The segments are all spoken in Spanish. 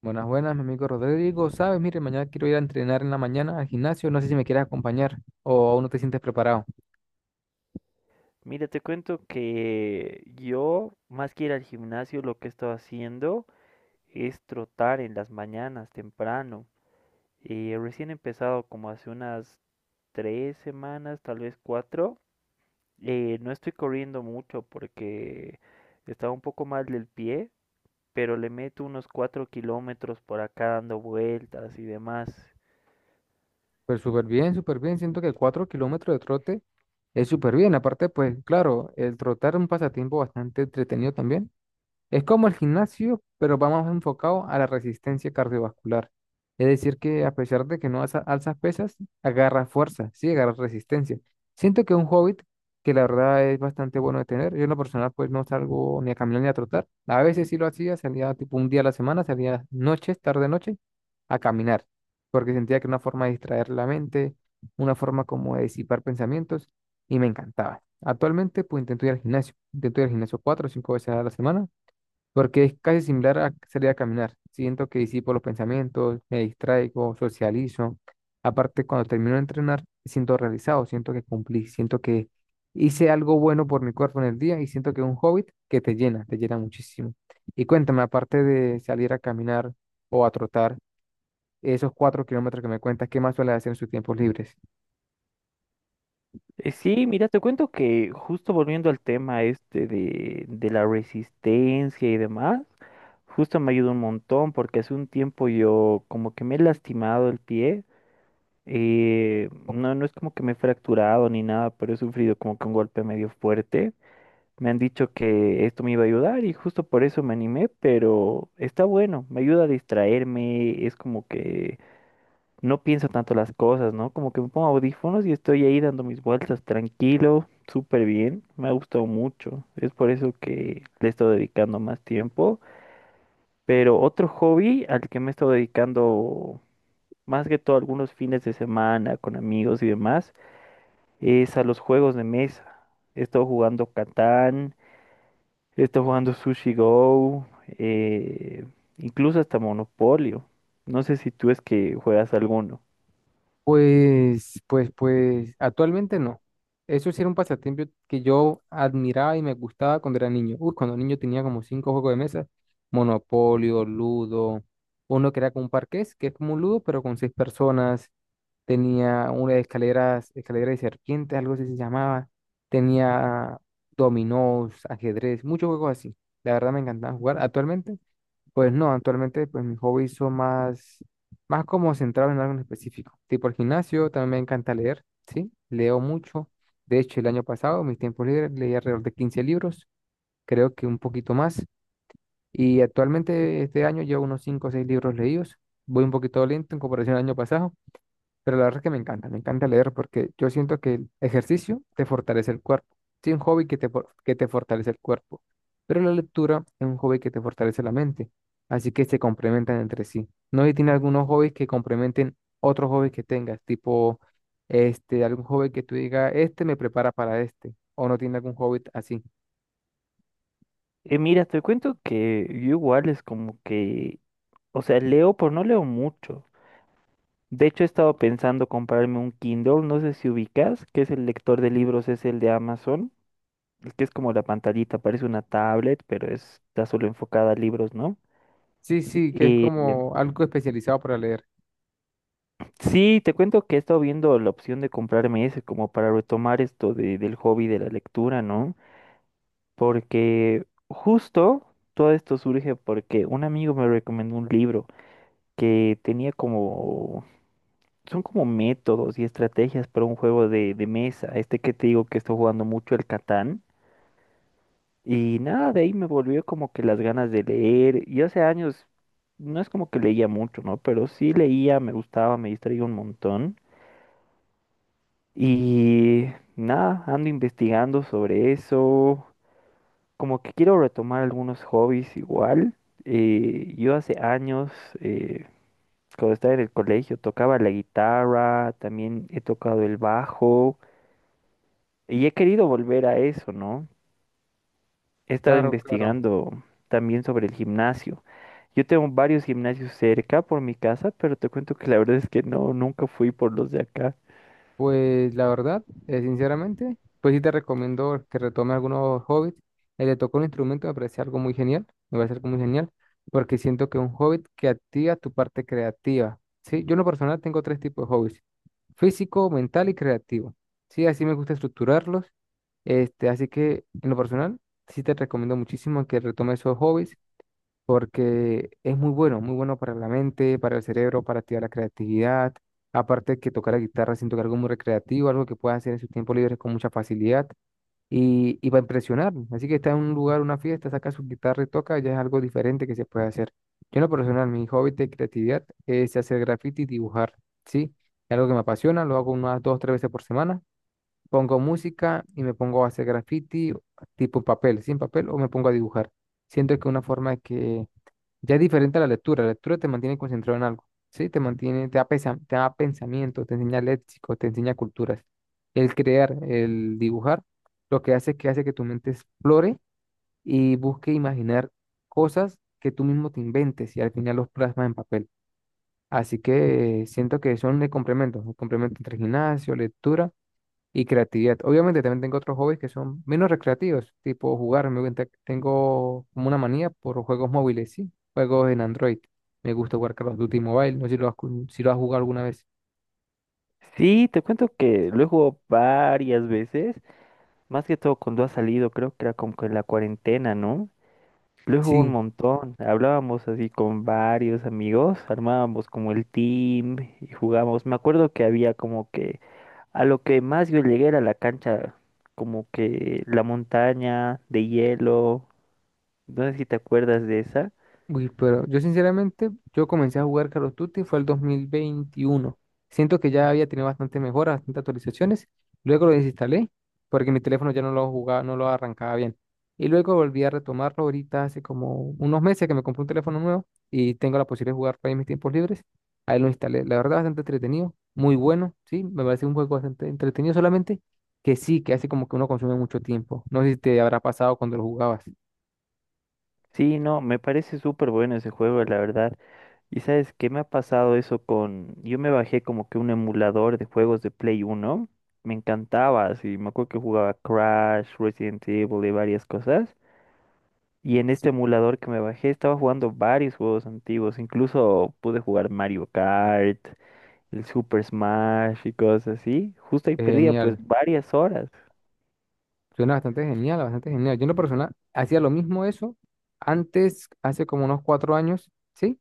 Buenas, buenas, mi amigo Rodrigo. Sabes, mire, mañana quiero ir a entrenar en la mañana al gimnasio. No sé si me quieres acompañar o aún no te sientes preparado. Mira, te cuento que yo, más que ir al gimnasio, lo que he estado haciendo es trotar en las mañanas temprano. Recién he empezado como hace unas 3 semanas, tal vez cuatro. No estoy corriendo mucho porque estaba un poco mal del pie, pero le meto unos 4 kilómetros por acá dando vueltas y demás. Pues súper bien, súper bien. Siento que cuatro kilómetros de trote es súper bien. Aparte, pues claro, el trotar es un pasatiempo bastante entretenido también. Es como el gimnasio, pero va más enfocado a la resistencia cardiovascular. Es decir, que a pesar de que no alza- alzas pesas, agarras fuerza, sí, agarras resistencia. Siento que es un hobby que la verdad es bastante bueno de tener. Yo en lo personal pues no salgo ni a caminar ni a trotar. A veces sí lo hacía, salía tipo un día a la semana, salía noches, tarde noche, a caminar, porque sentía que era una forma de distraer la mente, una forma como de disipar pensamientos y me encantaba. Actualmente pues intento ir al gimnasio, intento ir al gimnasio cuatro o cinco veces a la semana porque es casi similar a salir a caminar. Siento que disipo los pensamientos, me distraigo, socializo. Aparte, cuando termino de entrenar, siento realizado, siento que cumplí, siento que hice algo bueno por mi cuerpo en el día y siento que es un hobby que te llena muchísimo. Y cuéntame, aparte de salir a caminar o a trotar, esos cuatro kilómetros que me cuentas, ¿qué más suele hacer en sus tiempos libres? Sí, mira, te cuento que justo volviendo al tema este de la resistencia y demás, justo me ayuda un montón porque hace un tiempo yo como que me he lastimado el pie. No, no es como que me he fracturado ni nada, pero he sufrido como que un golpe medio fuerte. Me han dicho que esto me iba a ayudar y justo por eso me animé, pero está bueno, me ayuda a distraerme, es como que no pienso tanto las cosas, ¿no? Como que me pongo audífonos y estoy ahí dando mis vueltas tranquilo, súper bien, me ha gustado mucho, es por eso que le estoy dedicando más tiempo. Pero otro hobby al que me he estado dedicando más que todo algunos fines de semana con amigos y demás es a los juegos de mesa. He estado jugando Catán, he estado jugando Sushi Go, eh, incluso hasta Monopolio. No sé si tú es que juegas alguno. Pues, actualmente no. Eso sí era un pasatiempo que yo admiraba y me gustaba cuando era niño. Uy, cuando niño tenía como cinco juegos de mesa, Monopolio, Ludo, uno que era como un parqués, que es como un Ludo, pero con seis personas. Tenía una de escaleras, escalera de serpientes, algo así se llamaba. Tenía dominós, ajedrez, muchos juegos así. La verdad me encantaba jugar. Actualmente pues no, actualmente pues mis hobbies son más como centrados en algo en específico. Tipo el gimnasio, también me encanta leer, ¿sí? Leo mucho. De hecho, el año pasado, mis tiempos libres, leí alrededor de 15 libros, creo que un poquito más. Y actualmente este año llevo unos 5 o 6 libros leídos. Voy un poquito lento en comparación al año pasado, pero la verdad es que me encanta leer porque yo siento que el ejercicio te fortalece el cuerpo. Sí, un hobby que que te fortalece el cuerpo, pero la lectura es un hobby que te fortalece la mente. Así que se complementan entre sí. No sé si tiene algunos hobbies que complementen otros hobbies que tengas, tipo este, algún hobby que tú digas, este me prepara para este, o no tiene algún hobby así. Mira, te cuento que yo igual es como que, o sea, leo, pero no leo mucho. De hecho, he estado pensando comprarme un Kindle, no sé si ubicas, que es el lector de libros, es el de Amazon. Es que es como la pantallita, parece una tablet, pero está solo enfocada a libros, ¿no? Sí, sí, que es Eh, como algo especializado para leer. sí, te cuento que he estado viendo la opción de comprarme ese como para retomar esto del hobby de la lectura, ¿no? Porque justo todo esto surge porque un amigo me recomendó un libro que tenía como, son como métodos y estrategias para un juego de mesa, este que te digo que estoy jugando mucho, el Catán. Y nada, de ahí me volvió como que las ganas de leer. Y hace años, no es como que leía mucho, ¿no? Pero sí leía, me gustaba, me distraía un montón. Y nada, ando investigando sobre eso. Como que quiero retomar algunos hobbies igual. Yo hace años, eh, cuando estaba en el colegio, tocaba la guitarra, también he tocado el bajo. Y he querido volver a eso, ¿no? He estado Claro, claro. investigando también sobre el gimnasio. Yo tengo varios gimnasios cerca por mi casa, pero te cuento que la verdad es que no, nunca fui por los de acá. Pues la verdad, sinceramente, pues sí te recomiendo que retomes algunos hobbits. El de tocar un instrumento me parece algo muy genial, me parece algo muy genial, porque siento que es un hobbit que activa tu parte creativa. Sí, yo en lo personal tengo tres tipos de hobbies, físico, mental y creativo. Sí, así me gusta estructurarlos. Este, así que en lo personal, sí te recomiendo muchísimo que retomes esos hobbies porque es muy bueno, muy bueno para la mente, para el cerebro, para activar la creatividad. Aparte de que tocar la guitarra, siento que algo muy recreativo, algo que puedas hacer en su tiempo libre con mucha facilidad y para impresionar. Así que está en un lugar, una fiesta, saca su guitarra y toca, ya es algo diferente que se puede hacer. Yo en lo personal, mi hobby de creatividad es hacer graffiti y dibujar, ¿sí? Es algo que me apasiona, lo hago unas dos, tres veces por semana. Pongo música y me pongo a hacer graffiti tipo papel, sin papel, o me pongo a dibujar. Siento que es una forma de que ya es diferente a la lectura. La lectura te mantiene concentrado en algo, ¿sí? Te mantiene, te da pensamiento, te enseña léxico, te enseña culturas. El crear, el dibujar, lo que hace es que hace que tu mente explore y busque imaginar cosas que tú mismo te inventes y al final los plasmas en papel. Así que siento que son el complemento entre gimnasio, lectura y creatividad. Obviamente también tengo otros hobbies que son menos recreativos, tipo jugar. Me gusta, tengo como una manía por juegos móviles, sí, juegos en Android. Me gusta jugar Call of Duty Mobile, no sé si lo has, cu- si lo has jugado alguna vez. Sí, te cuento que lo he jugado varias veces, más que todo cuando ha salido, creo que era como que en la cuarentena, ¿no? Lo he jugado un Sí. montón, hablábamos así con varios amigos, armábamos como el team y jugábamos. Me acuerdo que había como que a lo que más yo llegué era la cancha, como que la montaña de hielo, no sé si te acuerdas de esa. Uy, pero yo sinceramente, yo comencé a jugar Call of Duty fue el 2021. Siento que ya había tenido bastante mejoras, bastantes actualizaciones. Luego lo desinstalé porque mi teléfono ya no lo jugaba, no lo arrancaba bien. Y luego volví a retomarlo ahorita hace como unos meses que me compré un teléfono nuevo y tengo la posibilidad de jugar para mis tiempos libres. Ahí lo instalé. La verdad, bastante entretenido, muy bueno, sí, me parece un juego bastante entretenido solamente que sí, que hace como que uno consume mucho tiempo. No sé si te habrá pasado cuando lo jugabas. Sí, no, me parece súper bueno ese juego, la verdad. ¿Y sabes qué me ha pasado eso con? Yo me bajé como que un emulador de juegos de Play Uno. Me encantaba, así. Me acuerdo que jugaba Crash, Resident Evil y varias cosas. Y en Sí. este emulador que me bajé estaba jugando varios juegos antiguos. Incluso pude jugar Mario Kart, el Super Smash y cosas así. Justo ahí perdía pues Genial. varias horas. Suena bastante genial, bastante genial. Yo en lo personal hacía lo mismo eso. Antes, hace como unos cuatro años, sí,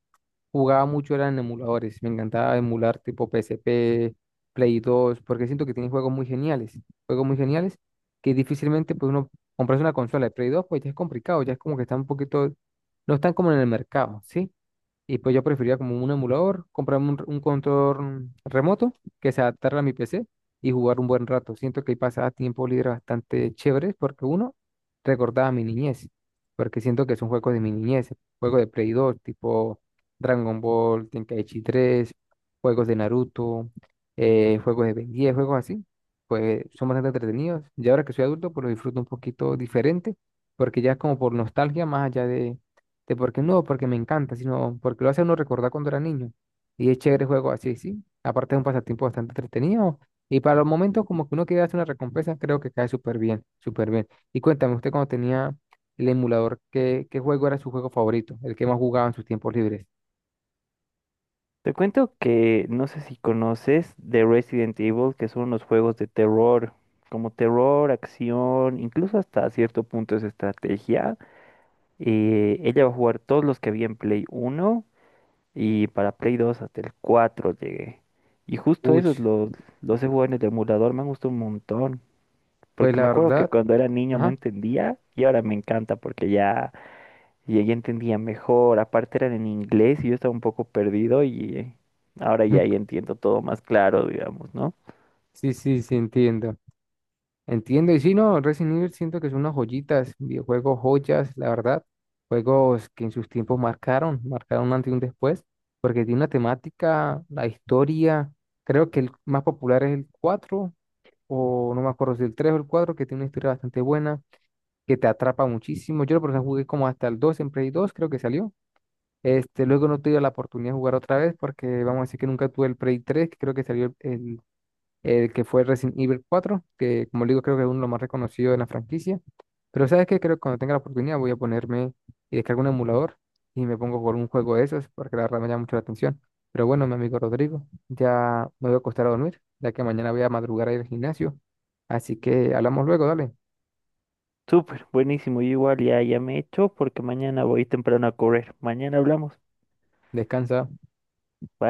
jugaba mucho, eran en emuladores. Me encantaba emular tipo PSP, Play 2, porque siento que tienen juegos muy geniales. Juegos muy geniales que difícilmente pues uno comprarse una consola de Play 2, pues ya es complicado, ya es como que está un poquito, no están como en el mercado, ¿sí? Y pues yo preferiría como un emulador, comprarme un control remoto que se adaptara a mi PC y jugar un buen rato. Siento que ahí pasaba tiempo libre bastante chévere porque uno recordaba mi niñez, porque siento que son juegos de mi niñez, juegos de Play 2, tipo Dragon Ball, Tenkaichi 3 juegos de Naruto, juegos de Ben 10, juegos así. Pues son bastante entretenidos. Y ahora que soy adulto, pues lo disfruto un poquito diferente, porque ya es como por nostalgia más allá de porque no, porque me encanta, sino porque lo hace a uno recordar cuando era niño. Y es chévere el juego así, sí. Aparte es un pasatiempo bastante entretenido. Y para los momentos como que uno quiere hacer una recompensa, creo que cae súper bien, súper bien. Y cuéntame, usted cuando tenía el emulador, ¿qué juego era su juego favorito? El que más jugaba en sus tiempos libres. Te cuento que no sé si conoces de Resident Evil, que son los juegos de terror, como terror, acción, incluso hasta cierto punto es estrategia. Ella va a jugar todos los que había en Play Uno y para Play Dos hasta el 4 llegué. Y justo Uy, esos los he jugado en el emulador, me han gustado un montón. pues Porque la me acuerdo que verdad, cuando era niño no ajá. entendía y ahora me encanta porque ya y ella entendía mejor, aparte eran en inglés y yo estaba un poco perdido y ahora ya, ya entiendo todo más claro, digamos, ¿no? Sí, sí, sí, entiendo. Entiendo, y sí, no, Resident Evil siento que son unas joyitas, videojuegos joyas, la verdad, juegos que en sus tiempos marcaron, marcaron un antes y un después, porque tiene una temática, la historia, creo que el más popular es el 4 o no me acuerdo si el 3 o el 4 que tiene una historia bastante buena, que te atrapa muchísimo. Yo, por ejemplo, jugué como hasta el 2 en Play 2 creo que salió. Este, luego no tuve la oportunidad de jugar otra vez, porque vamos a decir que nunca tuve el Play 3 que creo que salió el, que fue Resident Evil 4 que como le digo creo que es uno de los más reconocidos de la franquicia. Pero ¿sabes qué? Creo que cuando tenga la oportunidad voy a ponerme y descargo un emulador y me pongo a un juego de esos porque la verdad me llama mucho la atención. Pero bueno, mi amigo Rodrigo, ya me voy a acostar a dormir, ya que mañana voy a madrugar a ir al gimnasio. Así que hablamos luego, dale. Súper, buenísimo, yo igual ya, ya me echo porque mañana voy temprano a correr. Mañana hablamos. Descansa. Bye.